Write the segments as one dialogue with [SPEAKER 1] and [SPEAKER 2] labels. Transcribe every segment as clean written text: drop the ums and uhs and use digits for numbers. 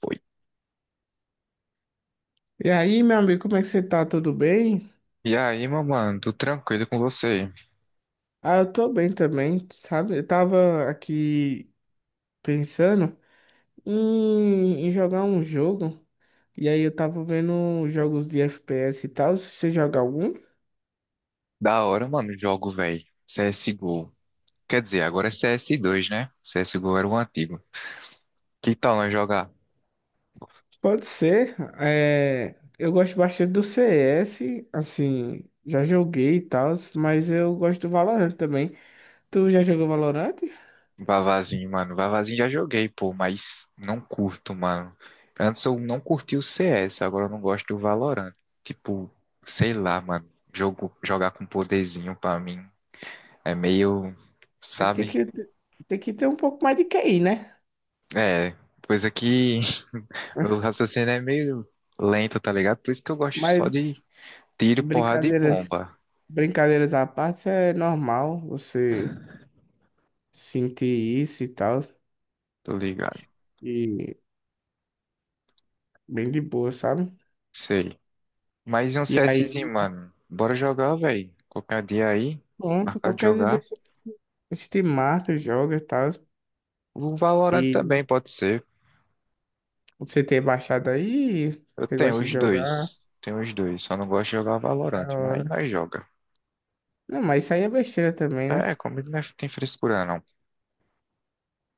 [SPEAKER 1] Foi.
[SPEAKER 2] E aí, meu amigo, como é que você tá? Tudo bem?
[SPEAKER 1] E aí, meu mano, tudo tranquilo com você?
[SPEAKER 2] Ah, eu tô bem também, sabe? Eu tava aqui pensando em jogar um jogo, e aí eu tava vendo jogos de FPS e tal. Se você joga algum,
[SPEAKER 1] Da hora, mano, o jogo, velho. CSGO. Quer dizer, agora é CS2, né? CSGO era o antigo. Que tal nós jogar?
[SPEAKER 2] pode ser. É, eu gosto bastante do CS, assim, já joguei e tal, mas eu gosto do Valorant também. Tu já jogou Valorant?
[SPEAKER 1] Vavazinho, mano. Vavazinho já joguei, pô, mas não curto, mano. Antes eu não curti o CS, agora eu não gosto do Valorant. Tipo, sei lá, mano. Jogar com poderzinho pra mim é meio,
[SPEAKER 2] Aí
[SPEAKER 1] sabe?
[SPEAKER 2] tem que ter um pouco mais de QI, né?
[SPEAKER 1] É, coisa que meu raciocínio é meio lento, tá ligado? Por isso que eu gosto só
[SPEAKER 2] Mas
[SPEAKER 1] de tiro, porrada e
[SPEAKER 2] brincadeiras.
[SPEAKER 1] bomba,
[SPEAKER 2] Brincadeiras à parte, é normal você sentir isso e tal.
[SPEAKER 1] tô ligado?
[SPEAKER 2] E bem de boa, sabe?
[SPEAKER 1] Sei. Mas e um
[SPEAKER 2] E aí,
[SPEAKER 1] CSzinho, mano? Bora jogar, velho. Qualquer dia aí,
[SPEAKER 2] pronto,
[SPEAKER 1] marcar de
[SPEAKER 2] qualquer dia
[SPEAKER 1] jogar.
[SPEAKER 2] desse, a gente marca, joga e tal.
[SPEAKER 1] O Valorant
[SPEAKER 2] E
[SPEAKER 1] também pode ser.
[SPEAKER 2] você ter baixado aí,
[SPEAKER 1] Eu
[SPEAKER 2] você
[SPEAKER 1] tenho
[SPEAKER 2] gosta de
[SPEAKER 1] os
[SPEAKER 2] jogar,
[SPEAKER 1] dois. Tenho os dois. Só não gosto de jogar
[SPEAKER 2] da
[SPEAKER 1] Valorant, mas
[SPEAKER 2] hora.
[SPEAKER 1] nós joga.
[SPEAKER 2] Não, mas isso aí é besteira também, né?
[SPEAKER 1] É, comigo tem frescura, não.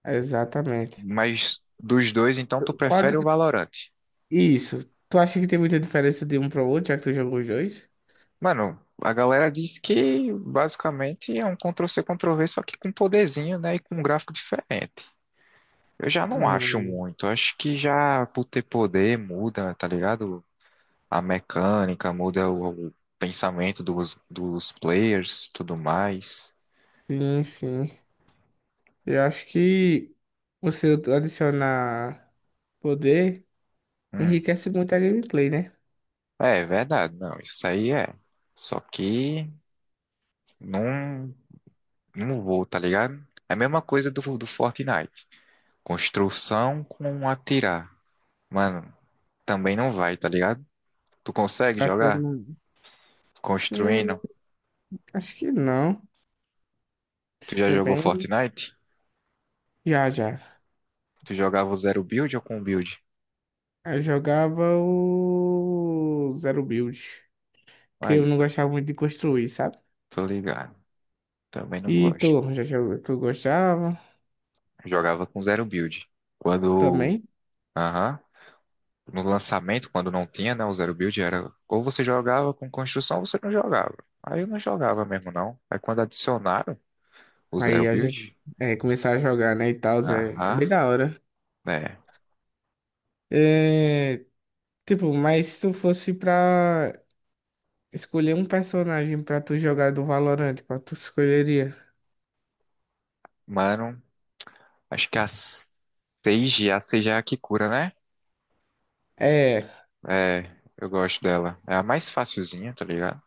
[SPEAKER 2] Exatamente.
[SPEAKER 1] Mas dos dois, então tu
[SPEAKER 2] Qual,
[SPEAKER 1] prefere o Valorant?
[SPEAKER 2] isso. Tu acha que tem muita diferença de um para o outro, já que tu jogou os dois?
[SPEAKER 1] Mano, a galera diz que basicamente é um Ctrl-C, Ctrl-V, só que com poderzinho, né? E com um gráfico diferente. Eu já não acho
[SPEAKER 2] Hum,
[SPEAKER 1] muito. Acho que já por ter poder muda, tá ligado? A mecânica, muda o pensamento dos players, tudo mais.
[SPEAKER 2] sim, sim. Eu acho que você adicionar poder.
[SPEAKER 1] Hum.
[SPEAKER 2] Enriquece muito a gameplay, né?
[SPEAKER 1] É verdade, não. Isso aí é. Só que não, não vou, tá ligado? É a mesma coisa do Fortnite. Construção com atirar. Mano, também não vai, tá ligado? Tu consegue
[SPEAKER 2] Pra todo
[SPEAKER 1] jogar?
[SPEAKER 2] mundo. Hum,
[SPEAKER 1] Construindo?
[SPEAKER 2] acho que não.
[SPEAKER 1] Tu
[SPEAKER 2] Acho
[SPEAKER 1] já
[SPEAKER 2] que é
[SPEAKER 1] jogou
[SPEAKER 2] bem.
[SPEAKER 1] Fortnite?
[SPEAKER 2] Já, já.
[SPEAKER 1] Tu jogava o zero build ou com build?
[SPEAKER 2] Eu jogava o Zero Build. Que eu
[SPEAKER 1] Aí,
[SPEAKER 2] não gostava muito de construir, sabe?
[SPEAKER 1] tô ligado. Também não
[SPEAKER 2] E tu,
[SPEAKER 1] gosto.
[SPEAKER 2] já jogou, tu gostava
[SPEAKER 1] Jogava com zero build. Quando.
[SPEAKER 2] também.
[SPEAKER 1] Aham. No lançamento, quando não tinha, né? O zero build era. Ou você jogava com construção ou você não jogava. Aí eu não jogava mesmo, não. Aí quando adicionaram o zero
[SPEAKER 2] Aí a gente
[SPEAKER 1] build.
[SPEAKER 2] é, começar a jogar, né? E tal, é, é
[SPEAKER 1] Aham.
[SPEAKER 2] bem da hora.
[SPEAKER 1] É.
[SPEAKER 2] É, tipo, mas se tu fosse pra escolher um personagem pra tu jogar do Valorant, qual tu escolheria?
[SPEAKER 1] Mano, acho que a seis g a 6G é a que cura, né?
[SPEAKER 2] É,
[SPEAKER 1] É. Eu gosto dela. É a mais facilzinha, tá ligado?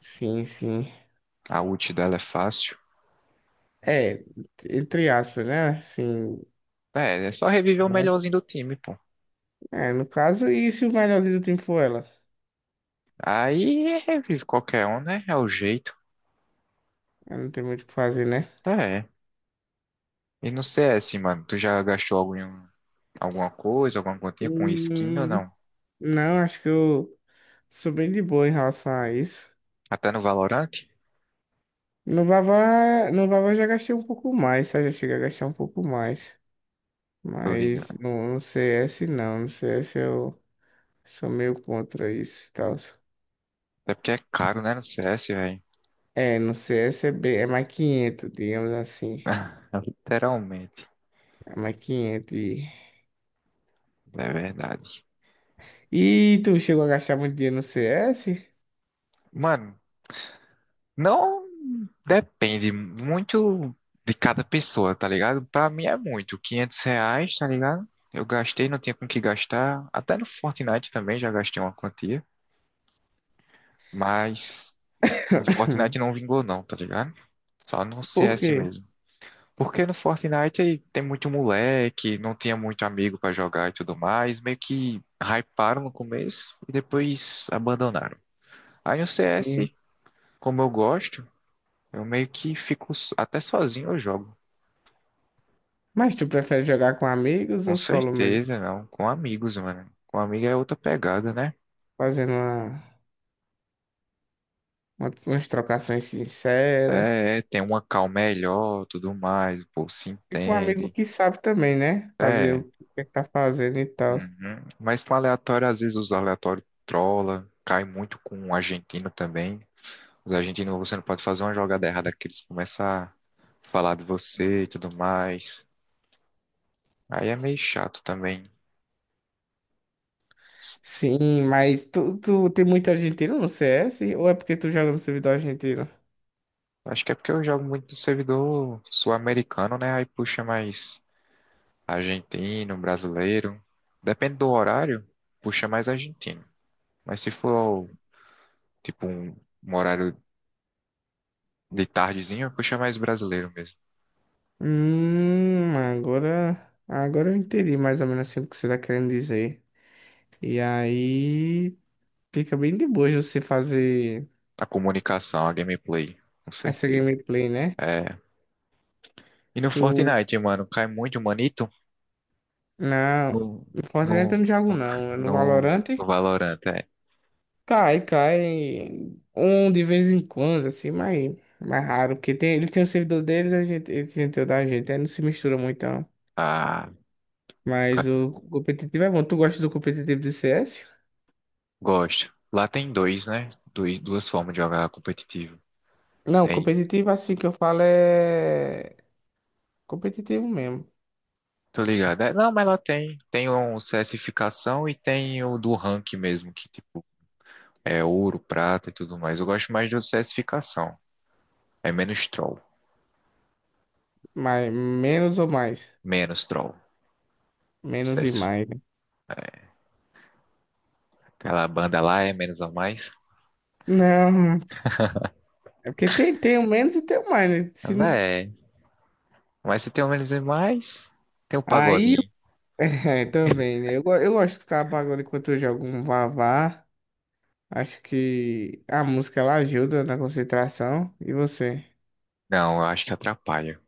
[SPEAKER 2] sim, sim.
[SPEAKER 1] A ult dela é fácil.
[SPEAKER 2] É, entre aspas, né? Assim,
[SPEAKER 1] É, só reviver o
[SPEAKER 2] né?
[SPEAKER 1] melhorzinho do time, pô.
[SPEAKER 2] É, no caso, e se o melhorzinho do time for ela?
[SPEAKER 1] Aí revive qualquer um, né? É o jeito.
[SPEAKER 2] Aí não tem muito o que fazer, né?
[SPEAKER 1] É. É. E no C S, mano, tu já gastou alguma coisa, alguma continha com skin ou
[SPEAKER 2] Hum,
[SPEAKER 1] não?
[SPEAKER 2] não, acho que eu sou bem de boa em relação a isso.
[SPEAKER 1] Até no Valorant?
[SPEAKER 2] No Vavá eu já gastei um pouco mais, sabe? Eu cheguei a gastar um pouco mais.
[SPEAKER 1] Tô
[SPEAKER 2] Mas
[SPEAKER 1] ligado.
[SPEAKER 2] no CS não, no CS eu sou meio contra isso e tal.
[SPEAKER 1] Até porque é caro, né? No C S, velho.
[SPEAKER 2] É, no CS é, bem, é mais 500, digamos assim.
[SPEAKER 1] Literalmente.
[SPEAKER 2] É mais 500. E,
[SPEAKER 1] É verdade.
[SPEAKER 2] e tu chegou a gastar muito dinheiro no CS?
[SPEAKER 1] Mano, não. Depende muito de cada pessoa, tá ligado? Pra mim é muito, 500 reais, tá ligado? Eu gastei, não tinha com o que gastar. Até no Fortnite também já gastei uma quantia. Mas no Fortnite não vingou não, tá ligado? Só no
[SPEAKER 2] Por
[SPEAKER 1] CS
[SPEAKER 2] quê?
[SPEAKER 1] mesmo. Porque no Fortnite tem muito moleque, não tinha muito amigo pra jogar e tudo mais. Meio que hyparam no começo e depois abandonaram. Aí no
[SPEAKER 2] Sim.
[SPEAKER 1] CS, como eu gosto, eu meio que fico até sozinho eu jogo.
[SPEAKER 2] Mas tu prefere jogar com amigos
[SPEAKER 1] Com
[SPEAKER 2] ou solo mesmo?
[SPEAKER 1] certeza, não. Com amigos, mano. Com amigo é outra pegada, né?
[SPEAKER 2] Fazendo umas trocações sinceras.
[SPEAKER 1] É, tem uma calma melhor, tudo mais, o povo se
[SPEAKER 2] E com um amigo
[SPEAKER 1] entende.
[SPEAKER 2] que sabe também, né? Fazer o
[SPEAKER 1] É.
[SPEAKER 2] que é que tá fazendo e tal.
[SPEAKER 1] Uhum. Mas com aleatório, às vezes os aleatórios trola, cai muito com o argentino também. Os argentinos, você não pode fazer uma jogada errada que eles começam a falar de você e tudo mais. Aí é meio chato também.
[SPEAKER 2] Sim, mas tu tem muito argentino no CS? Ou é porque tu joga no servidor argentino?
[SPEAKER 1] Acho que é porque eu jogo muito no servidor sul-americano, né? Aí puxa mais. Argentino, brasileiro. Depende do horário, puxa mais argentino. Mas se for, tipo, um horário de tardezinho, puxa mais brasileiro mesmo.
[SPEAKER 2] Agora eu entendi mais ou menos assim o que você tá querendo dizer. E aí fica bem de boa de você fazer
[SPEAKER 1] A comunicação, a gameplay, com
[SPEAKER 2] essa
[SPEAKER 1] certeza.
[SPEAKER 2] gameplay, né?
[SPEAKER 1] É. E no
[SPEAKER 2] Tu
[SPEAKER 1] Fortnite, mano, cai muito manito
[SPEAKER 2] Não,
[SPEAKER 1] no,
[SPEAKER 2] no Fortnite
[SPEAKER 1] no,
[SPEAKER 2] eu não jogo não. É no
[SPEAKER 1] no,
[SPEAKER 2] Valorant
[SPEAKER 1] no Valorant, é.
[SPEAKER 2] cai um de vez em quando, assim, mas mais raro, porque tem, eles têm o servidor deles, a gente, eles têm o da gente, aí não se mistura muito, não.
[SPEAKER 1] Ah,
[SPEAKER 2] Mas
[SPEAKER 1] ca-
[SPEAKER 2] o competitivo é bom. Tu gosta do competitivo de CS?
[SPEAKER 1] gosto. Lá tem dois, né? Duas formas de jogar competitivo.
[SPEAKER 2] Não,
[SPEAKER 1] Tem
[SPEAKER 2] competitivo assim que eu falo é competitivo mesmo,
[SPEAKER 1] Tô ligado. É, não, mas ela tem. Tem um CSificação e tem o do rank mesmo, que tipo é ouro, prata e tudo mais. Eu gosto mais do CSificação. É menos troll.
[SPEAKER 2] mas menos ou mais,
[SPEAKER 1] Menos troll.
[SPEAKER 2] menos e
[SPEAKER 1] CS.
[SPEAKER 2] mais, né?
[SPEAKER 1] Aquela banda lá é menos ou mais.
[SPEAKER 2] Não, é porque tem, tem o menos e tem o mais, né? Se,
[SPEAKER 1] Ela
[SPEAKER 2] não-
[SPEAKER 1] é. Mas se tem o menos e mais, tem o
[SPEAKER 2] aí
[SPEAKER 1] pagodinho.
[SPEAKER 2] é, também, né? Eu, eu gosto de escutar pagode enquanto eu jogo um vavá. Acho que a música ela ajuda na concentração. E você?
[SPEAKER 1] Não, eu acho que atrapalha.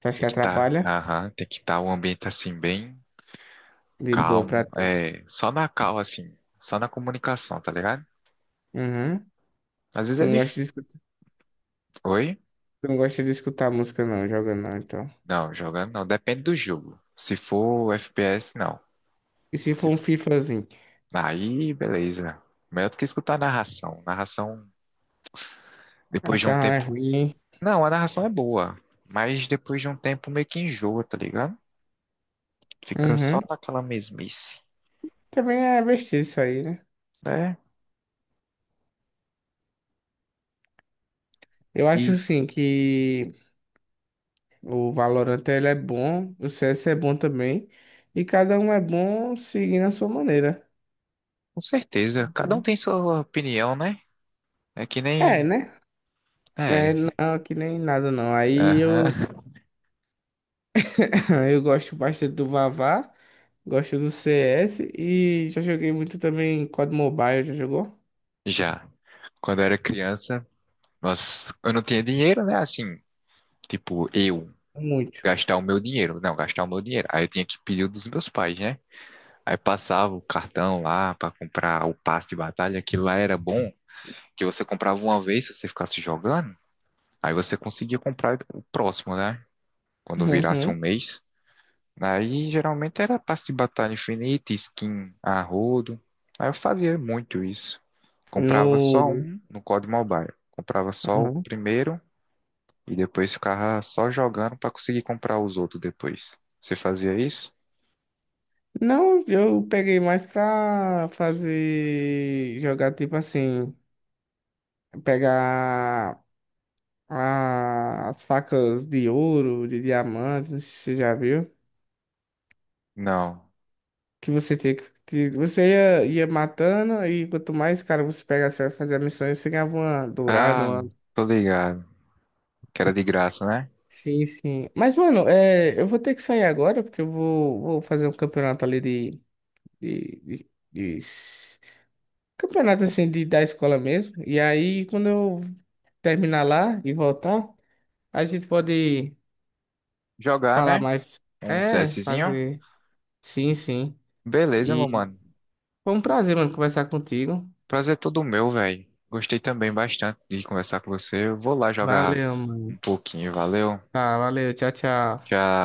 [SPEAKER 2] Você acha
[SPEAKER 1] Tem
[SPEAKER 2] que
[SPEAKER 1] que tá,
[SPEAKER 2] atrapalha?
[SPEAKER 1] aham, tem que estar tá um ambiente assim bem
[SPEAKER 2] De boa
[SPEAKER 1] calmo.
[SPEAKER 2] pra tu.
[SPEAKER 1] É, só na calma, assim. Só na comunicação, tá ligado?
[SPEAKER 2] Uhum.
[SPEAKER 1] Às vezes
[SPEAKER 2] Tu
[SPEAKER 1] é
[SPEAKER 2] não gosta
[SPEAKER 1] difícil.
[SPEAKER 2] de escutar,
[SPEAKER 1] Oi?
[SPEAKER 2] tu não gosta de escutar música não, jogando não, então.
[SPEAKER 1] Não, jogando não. Depende do jogo. Se for FPS, não.
[SPEAKER 2] E se for
[SPEAKER 1] Se-
[SPEAKER 2] um FIFAzinho?
[SPEAKER 1] Aí, beleza. Melhor do que escutar a narração. Narração, depois de
[SPEAKER 2] Essa
[SPEAKER 1] um
[SPEAKER 2] é
[SPEAKER 1] tempo.
[SPEAKER 2] ruim, hein?
[SPEAKER 1] Não, a narração é boa. Mas depois de um tempo meio que enjoa, tá ligado? Fica só
[SPEAKER 2] Uhum.
[SPEAKER 1] naquela mesmice,
[SPEAKER 2] Também é besteira isso aí, né?
[SPEAKER 1] né?
[SPEAKER 2] Eu acho
[SPEAKER 1] E
[SPEAKER 2] sim que o Valorant ele é bom, o CS é bom também. E cada um é bom seguindo a sua maneira,
[SPEAKER 1] com certeza, cada um
[SPEAKER 2] né?
[SPEAKER 1] tem sua opinião, né? É que
[SPEAKER 2] É,
[SPEAKER 1] nem.
[SPEAKER 2] né? É,
[SPEAKER 1] É.
[SPEAKER 2] não, que nem nada não. Aí eu
[SPEAKER 1] Aham.
[SPEAKER 2] eu gosto bastante do Vavá, gosto do CS e já joguei muito também COD Mobile, já jogou?
[SPEAKER 1] Já. Quando eu era criança, eu não tinha dinheiro, né? Assim, tipo, eu.
[SPEAKER 2] Muito.
[SPEAKER 1] Gastar o meu dinheiro. Não, gastar o meu dinheiro. Aí eu tinha que pedir o dos meus pais, né? Aí passava o cartão lá para comprar o passe de batalha, que lá era bom, que você comprava uma vez se você ficasse jogando, aí você conseguia comprar o próximo, né? Quando virasse um
[SPEAKER 2] Uhum.
[SPEAKER 1] mês. Aí geralmente era passe de batalha infinita, skin a rodo. Aí eu fazia muito isso. Comprava só
[SPEAKER 2] No
[SPEAKER 1] um no COD Mobile. Comprava só o
[SPEAKER 2] uhum.
[SPEAKER 1] primeiro e depois ficava só jogando para conseguir comprar os outros depois. Você fazia isso?
[SPEAKER 2] Não, eu peguei mais pra fazer jogar tipo assim, pegar as facas de ouro, de diamante, não sei se você já viu.
[SPEAKER 1] Não.
[SPEAKER 2] Que você tinha que. Que Você ia, ia matando e quanto mais, cara, você pegasse pra fazer a missão, e você ganhava uma dourada,
[SPEAKER 1] Ah,
[SPEAKER 2] uma.
[SPEAKER 1] tô ligado. Que era de graça, né?
[SPEAKER 2] Sim, sim. Mas, mano, é, eu vou ter que sair agora, porque eu vou fazer um campeonato ali de, de- de s- campeonato assim de, da escola mesmo. E aí, quando eu terminar lá e voltar, a gente pode
[SPEAKER 1] Jogar,
[SPEAKER 2] falar
[SPEAKER 1] né?
[SPEAKER 2] mais.
[SPEAKER 1] Um
[SPEAKER 2] É,
[SPEAKER 1] CSzinho.
[SPEAKER 2] fazer. Sim, sim.
[SPEAKER 1] Beleza, meu
[SPEAKER 2] E
[SPEAKER 1] mano.
[SPEAKER 2] foi um prazer, mano, conversar contigo.
[SPEAKER 1] Prazer todo meu, velho. Gostei também bastante de conversar com você. Eu vou lá jogar
[SPEAKER 2] Valeu,
[SPEAKER 1] um
[SPEAKER 2] mano.
[SPEAKER 1] pouquinho, valeu?
[SPEAKER 2] Tá, valeu. Tchau, tchau.
[SPEAKER 1] Já